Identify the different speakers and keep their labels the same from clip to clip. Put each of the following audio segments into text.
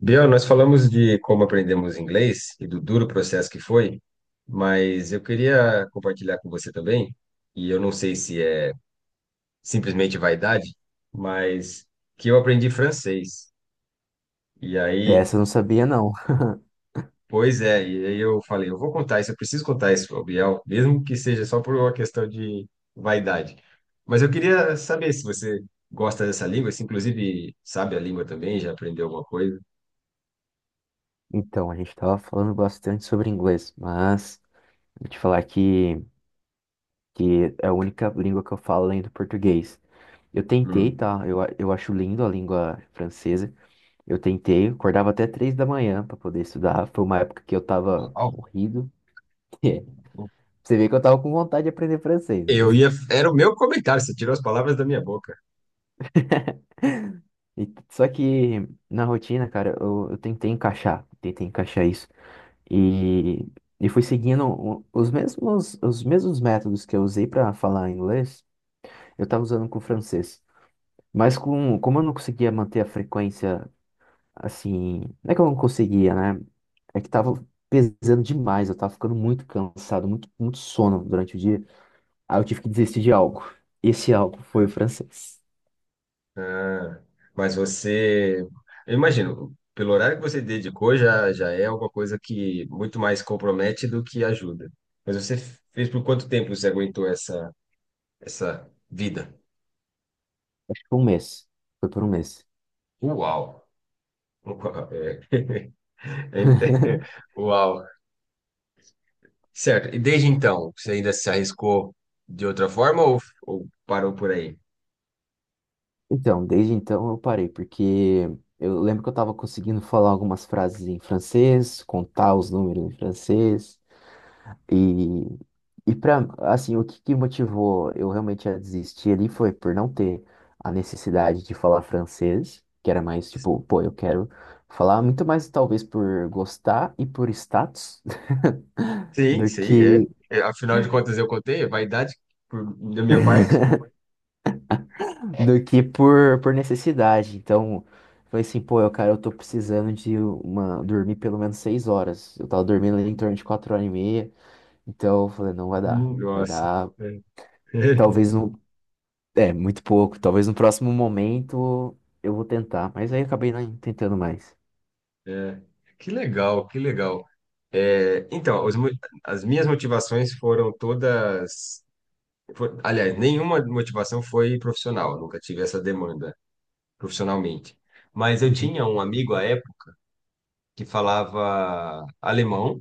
Speaker 1: Biel, nós falamos de como aprendemos inglês e do duro processo que foi, mas eu queria compartilhar com você também, e eu não sei se é simplesmente vaidade, mas que eu aprendi francês. E aí,
Speaker 2: Essa eu não sabia, não.
Speaker 1: pois é, e aí eu falei, eu vou contar isso, eu preciso contar isso ao Biel, mesmo que seja só por uma questão de vaidade. Mas eu queria saber se você gosta dessa língua, se inclusive sabe a língua também, já aprendeu alguma coisa.
Speaker 2: Então, a gente estava falando bastante sobre inglês, mas vou te falar que é a única língua que eu falo além do português. Eu tentei,
Speaker 1: Hum.
Speaker 2: tá? Eu acho lindo a língua francesa. Eu tentei, acordava até três da manhã para poder estudar. Foi uma época que eu tava
Speaker 1: Uau.
Speaker 2: corrido. É, Você vê que eu tava com vontade de aprender francês, né?
Speaker 1: Eu ia. Era o meu comentário, você tirou as palavras da minha boca.
Speaker 2: Só que na rotina, cara, eu tentei encaixar isso. E, e fui seguindo os mesmos métodos que eu usei para falar inglês, eu estava usando com o francês. Mas como eu não conseguia manter a frequência assim. Não é que eu não conseguia, né? É que tava pesando demais, eu tava ficando muito cansado, muito, muito sono durante o dia. Aí eu tive que desistir de algo. Esse algo foi o francês.
Speaker 1: Ah, mas você. Eu imagino, pelo horário que você dedicou, já é alguma coisa que muito mais compromete do que ajuda. Mas você fez por quanto tempo você aguentou essa vida?
Speaker 2: Por um mês. Foi por um mês.
Speaker 1: Uau! Uau, é. Ainda- Uau! Certo, e desde então, você ainda se arriscou de outra forma ou parou por aí?
Speaker 2: Então, desde então eu parei, porque eu lembro que eu estava conseguindo falar algumas frases em francês, contar os números em francês, e, e para, assim, o que que motivou eu realmente a desistir ali foi por não ter a necessidade de falar francês, que era mais tipo, pô, eu quero falar muito mais talvez por gostar e por status
Speaker 1: Sim,
Speaker 2: do
Speaker 1: sim,
Speaker 2: que
Speaker 1: é. É, afinal de contas, eu contei, é vaidade por- da minha parte.
Speaker 2: do que por necessidade. Então, eu falei assim, pô, eu, cara, eu tô precisando de uma, dormir pelo menos seis horas. Eu tava dormindo ali em torno de quatro horas e meia. Então, eu falei, não vai dar. Vai
Speaker 1: Nossa.
Speaker 2: dar,
Speaker 1: É.
Speaker 2: talvez no, é, muito pouco. Talvez no próximo momento eu vou tentar. Mas aí eu acabei não tentando mais.
Speaker 1: É. Que legal, que legal. É, então, as minhas motivações foram todas. Aliás, nenhuma motivação foi profissional, nunca tive essa demanda profissionalmente. Mas eu
Speaker 2: Uhum.
Speaker 1: tinha um amigo à época que falava alemão.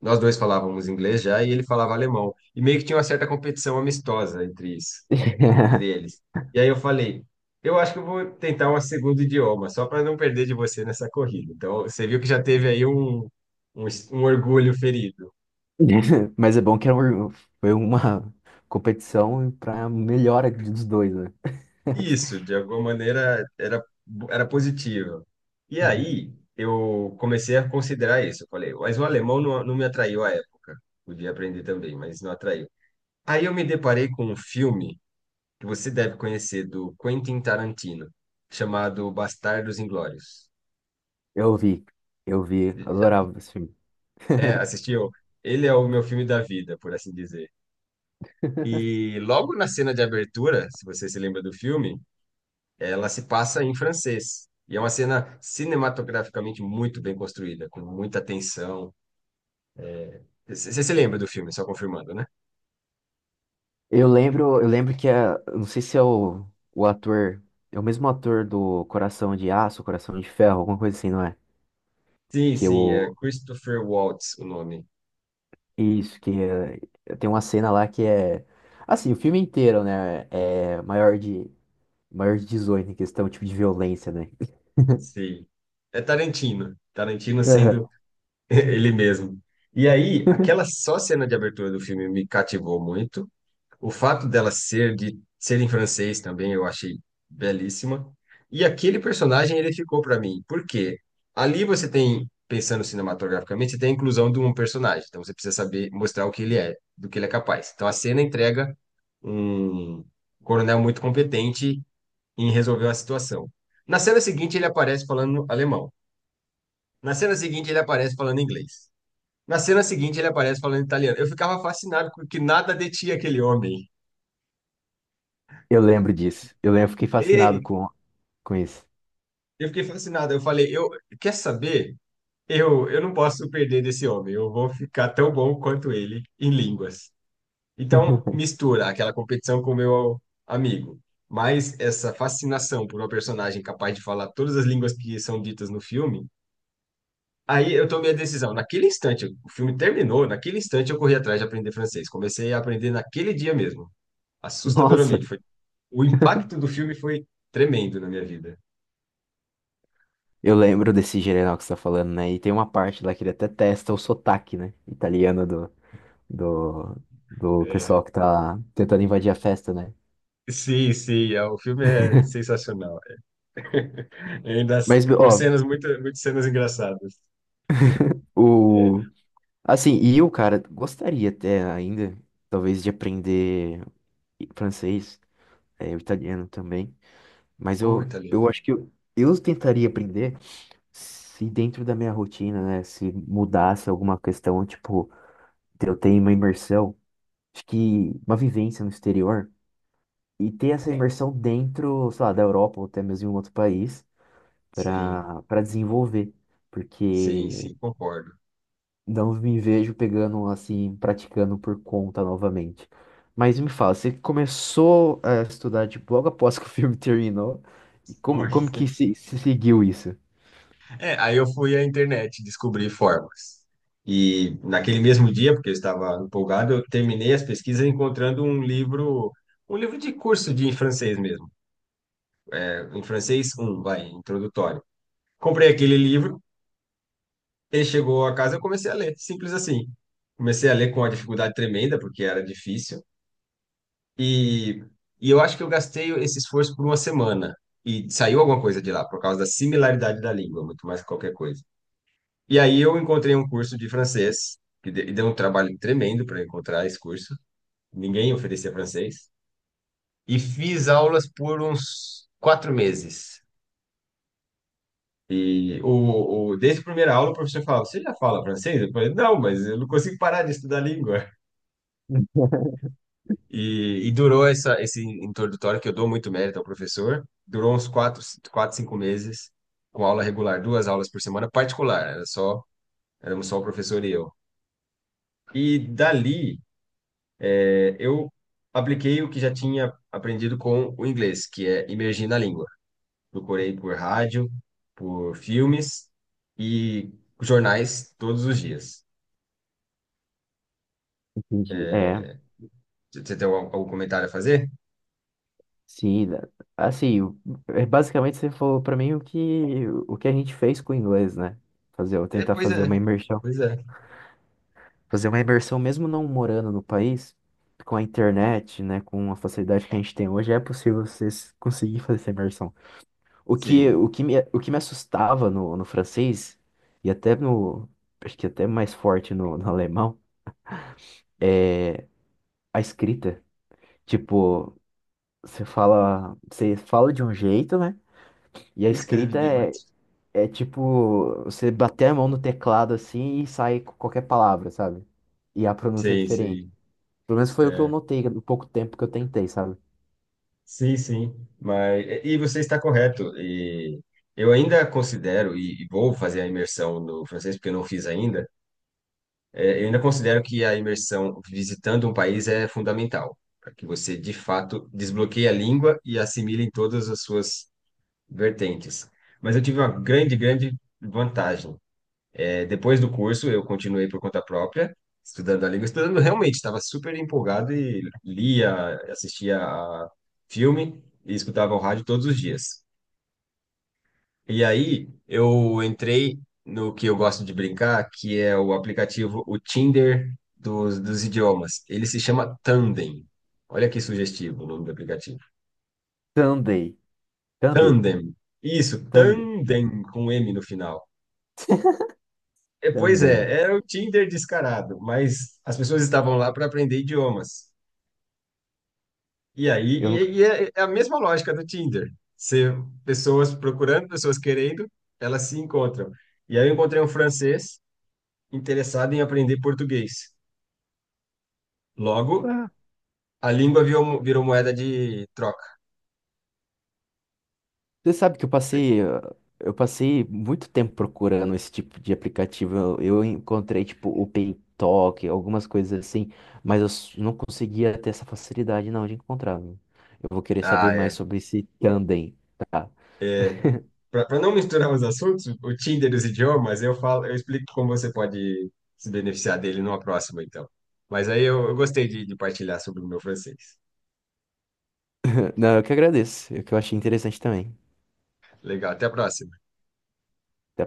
Speaker 1: Nós dois falávamos inglês já e ele falava alemão. E meio que tinha uma certa competição amistosa entre isso, entre eles. E aí eu falei, eu acho que eu vou tentar um segundo idioma, só para não perder de você nessa corrida. Então, você viu que já teve aí um orgulho ferido.
Speaker 2: Mas é bom que foi uma competição pra melhora dos dois, né?
Speaker 1: Isso, de alguma maneira, era positivo. E
Speaker 2: Uhum.
Speaker 1: aí eu comecei a considerar isso. Eu falei, mas o alemão não me atraiu à época. Podia aprender também, mas não atraiu. Aí eu me deparei com um filme que você deve conhecer do Quentin Tarantino, chamado Bastardos Inglórios.
Speaker 2: Eu vi, eu vi,
Speaker 1: Já-
Speaker 2: adorava esse filme.
Speaker 1: É, assistiu? Ele é o meu filme da vida, por assim dizer. E logo na cena de abertura, se você se lembra do filme, ela se passa em francês. E é uma cena cinematograficamente muito bem construída, com muita tensão. É, Você se lembra do filme, só confirmando, né?
Speaker 2: Eu lembro, eu lembro eu não sei se é o ator, é o mesmo ator do Coração de Aço, Coração de Ferro, alguma coisa assim, não é?
Speaker 1: Sim,
Speaker 2: Que
Speaker 1: sim, é
Speaker 2: o
Speaker 1: Christopher Waltz o nome.
Speaker 2: isso, que é, tem uma cena lá que é assim, o filme inteiro, né, é maior de 18 em questão tipo de violência, né?
Speaker 1: Sim. É Tarantino. Tarantino sendo.
Speaker 2: Aham.
Speaker 1: Ele mesmo. E aí, aquela só cena de abertura do filme me cativou muito. O fato dela ser em francês também eu achei belíssima. E aquele personagem ele ficou para mim. Por quê? Ali você tem, pensando cinematograficamente, você tem a inclusão de um personagem. Então você precisa saber mostrar o que ele é, do que ele é capaz. Então a cena entrega um coronel muito competente em resolver uma situação. Na cena seguinte ele aparece falando alemão. Na cena seguinte ele aparece falando inglês. Na cena seguinte, ele aparece falando italiano. Eu ficava fascinado com que nada detinha aquele homem.
Speaker 2: Eu lembro disso. Eu lembro, fiquei fascinado
Speaker 1: E
Speaker 2: com isso.
Speaker 1: eu fiquei fascinado. Eu falei, eu quer saber? Eu não posso perder desse homem. Eu vou ficar tão bom quanto ele em línguas. Então, mistura aquela competição com o meu amigo. Mas essa fascinação por uma personagem capaz de falar todas as línguas que são ditas no filme, aí eu tomei a decisão. Naquele instante, o filme terminou, naquele instante eu corri atrás de aprender francês. Comecei a aprender naquele dia mesmo.
Speaker 2: Nossa,
Speaker 1: Assustadoramente. Foi. O impacto do filme foi tremendo na minha vida.
Speaker 2: eu lembro desse general que você tá falando, né? E tem uma parte lá que ele até testa o sotaque, né? Italiano do, do
Speaker 1: É,
Speaker 2: pessoal que tá tentando invadir a festa, né?
Speaker 1: sim, sim, é, o filme é sensacional.
Speaker 2: Mas,
Speaker 1: Com
Speaker 2: ó,
Speaker 1: cenas, muitas cenas engraçadas. É,
Speaker 2: o. Assim, e eu, cara, gostaria até ainda, talvez, de aprender francês, é, o italiano também. Mas
Speaker 1: o
Speaker 2: eu
Speaker 1: italiano.
Speaker 2: acho que eu tentaria aprender se dentro da minha rotina, né? Se mudasse alguma questão, tipo, de eu ter uma imersão, acho que uma vivência no exterior. E ter essa imersão dentro, sei lá, da Europa ou até mesmo em um outro país
Speaker 1: Sim,
Speaker 2: para desenvolver,
Speaker 1: sim,
Speaker 2: porque
Speaker 1: sim, concordo.
Speaker 2: não me vejo pegando assim, praticando por conta novamente. Mas me fala, você começou a estudar tipo, logo após que o filme terminou, e
Speaker 1: Foi.
Speaker 2: como que se seguiu isso?
Speaker 1: É, aí eu fui à internet descobrir formas. E naquele mesmo dia, porque eu estava empolgado, eu terminei as pesquisas encontrando um livro de curso de em francês mesmo, é, em francês um vai, introdutório. Comprei aquele livro. Ele chegou a casa, eu comecei a ler, simples assim. Comecei a ler com uma dificuldade tremenda, porque era difícil. E, e eu acho que eu gastei esse esforço por uma semana. E saiu alguma coisa de lá, por causa da similaridade da língua, muito mais que qualquer coisa. E aí eu encontrei um curso de francês, e deu um trabalho tremendo para encontrar esse curso. Ninguém oferecia francês. E fiz aulas por uns quatro meses. E desde a primeira aula, o professor falava: você já fala francês? Eu falei: não, mas eu não consigo parar de estudar a língua. E durou esse introdutório, que eu dou muito mérito ao professor, durou uns quatro, cinco meses, com aula regular, duas aulas por semana, particular, éramos só o professor e eu. E dali, eu apliquei o que já tinha aprendido com o inglês, que é imergir na língua. Procurei por rádio, por filmes e jornais todos os dias.
Speaker 2: Entendi. É,
Speaker 1: Você tem algum comentário a fazer?
Speaker 2: sim, né? Assim, basicamente você falou para mim o que a gente fez com o inglês, né? Fazer, eu
Speaker 1: É,
Speaker 2: tentar
Speaker 1: pois
Speaker 2: fazer
Speaker 1: é,
Speaker 2: uma imersão
Speaker 1: pois é.
Speaker 2: Fazer uma imersão, mesmo não morando no país, com a internet, né, com a facilidade que a gente tem hoje, é possível você conseguir fazer essa imersão.
Speaker 1: Sim,
Speaker 2: O que me assustava no francês, e até no, acho que até mais forte no alemão, a escrita. Tipo, você fala de um jeito, né, e a
Speaker 1: escreve de
Speaker 2: escrita
Speaker 1: direito.
Speaker 2: é tipo, você bater a mão no teclado assim e sai com qualquer palavra, sabe? E a pronúncia é
Speaker 1: Sim,
Speaker 2: diferente.
Speaker 1: sim.
Speaker 2: Pelo menos foi o que eu
Speaker 1: É,
Speaker 2: notei no pouco tempo que eu tentei, sabe?
Speaker 1: sim, sim, mas e você está correto. E eu ainda considero e vou fazer a imersão no francês porque eu não fiz ainda. É, eu ainda considero que a imersão visitando um país é fundamental para que você de fato desbloqueie a língua e assimile em todas as suas vertentes. Mas eu tive uma grande, grande vantagem. É, depois do curso, eu continuei por conta própria, estudando a língua, estudando realmente, estava super empolgado e lia, assistia a filme e escutava o rádio todos os dias. E aí eu entrei no que eu gosto de brincar, que é o aplicativo, o Tinder dos idiomas. Ele se chama Tandem. Olha que sugestivo o nome do aplicativo.
Speaker 2: Tandem. Tandem.
Speaker 1: Tandem. Isso,
Speaker 2: Tandem.
Speaker 1: Tandem com M no final. É, pois
Speaker 2: Tandem.
Speaker 1: é, era o Tinder descarado, mas as pessoas estavam lá para aprender idiomas.
Speaker 2: Eu nunca...
Speaker 1: E é a mesma lógica do Tinder. Ser pessoas procurando, pessoas querendo, elas se encontram. E aí eu encontrei um francês interessado em aprender português. Logo,
Speaker 2: Ah,
Speaker 1: a língua virou moeda de troca.
Speaker 2: você sabe que eu passei... ah, eu passei muito tempo procurando esse tipo de aplicativo. Eu encontrei, tipo, o PayTalk, algumas coisas assim, mas eu não conseguia ter essa facilidade, não, de encontrar, viu? Eu vou querer saber
Speaker 1: Ah,
Speaker 2: mais
Speaker 1: é.
Speaker 2: sobre esse Tandem, tá?
Speaker 1: É, para não misturar os assuntos, o Tinder e os idiomas, eu explico como você pode se beneficiar dele numa próxima, então. Mas aí eu gostei de partilhar sobre o meu francês.
Speaker 2: Não, eu que agradeço. É que eu achei interessante também.
Speaker 1: Legal, até a próxima.
Speaker 2: Até a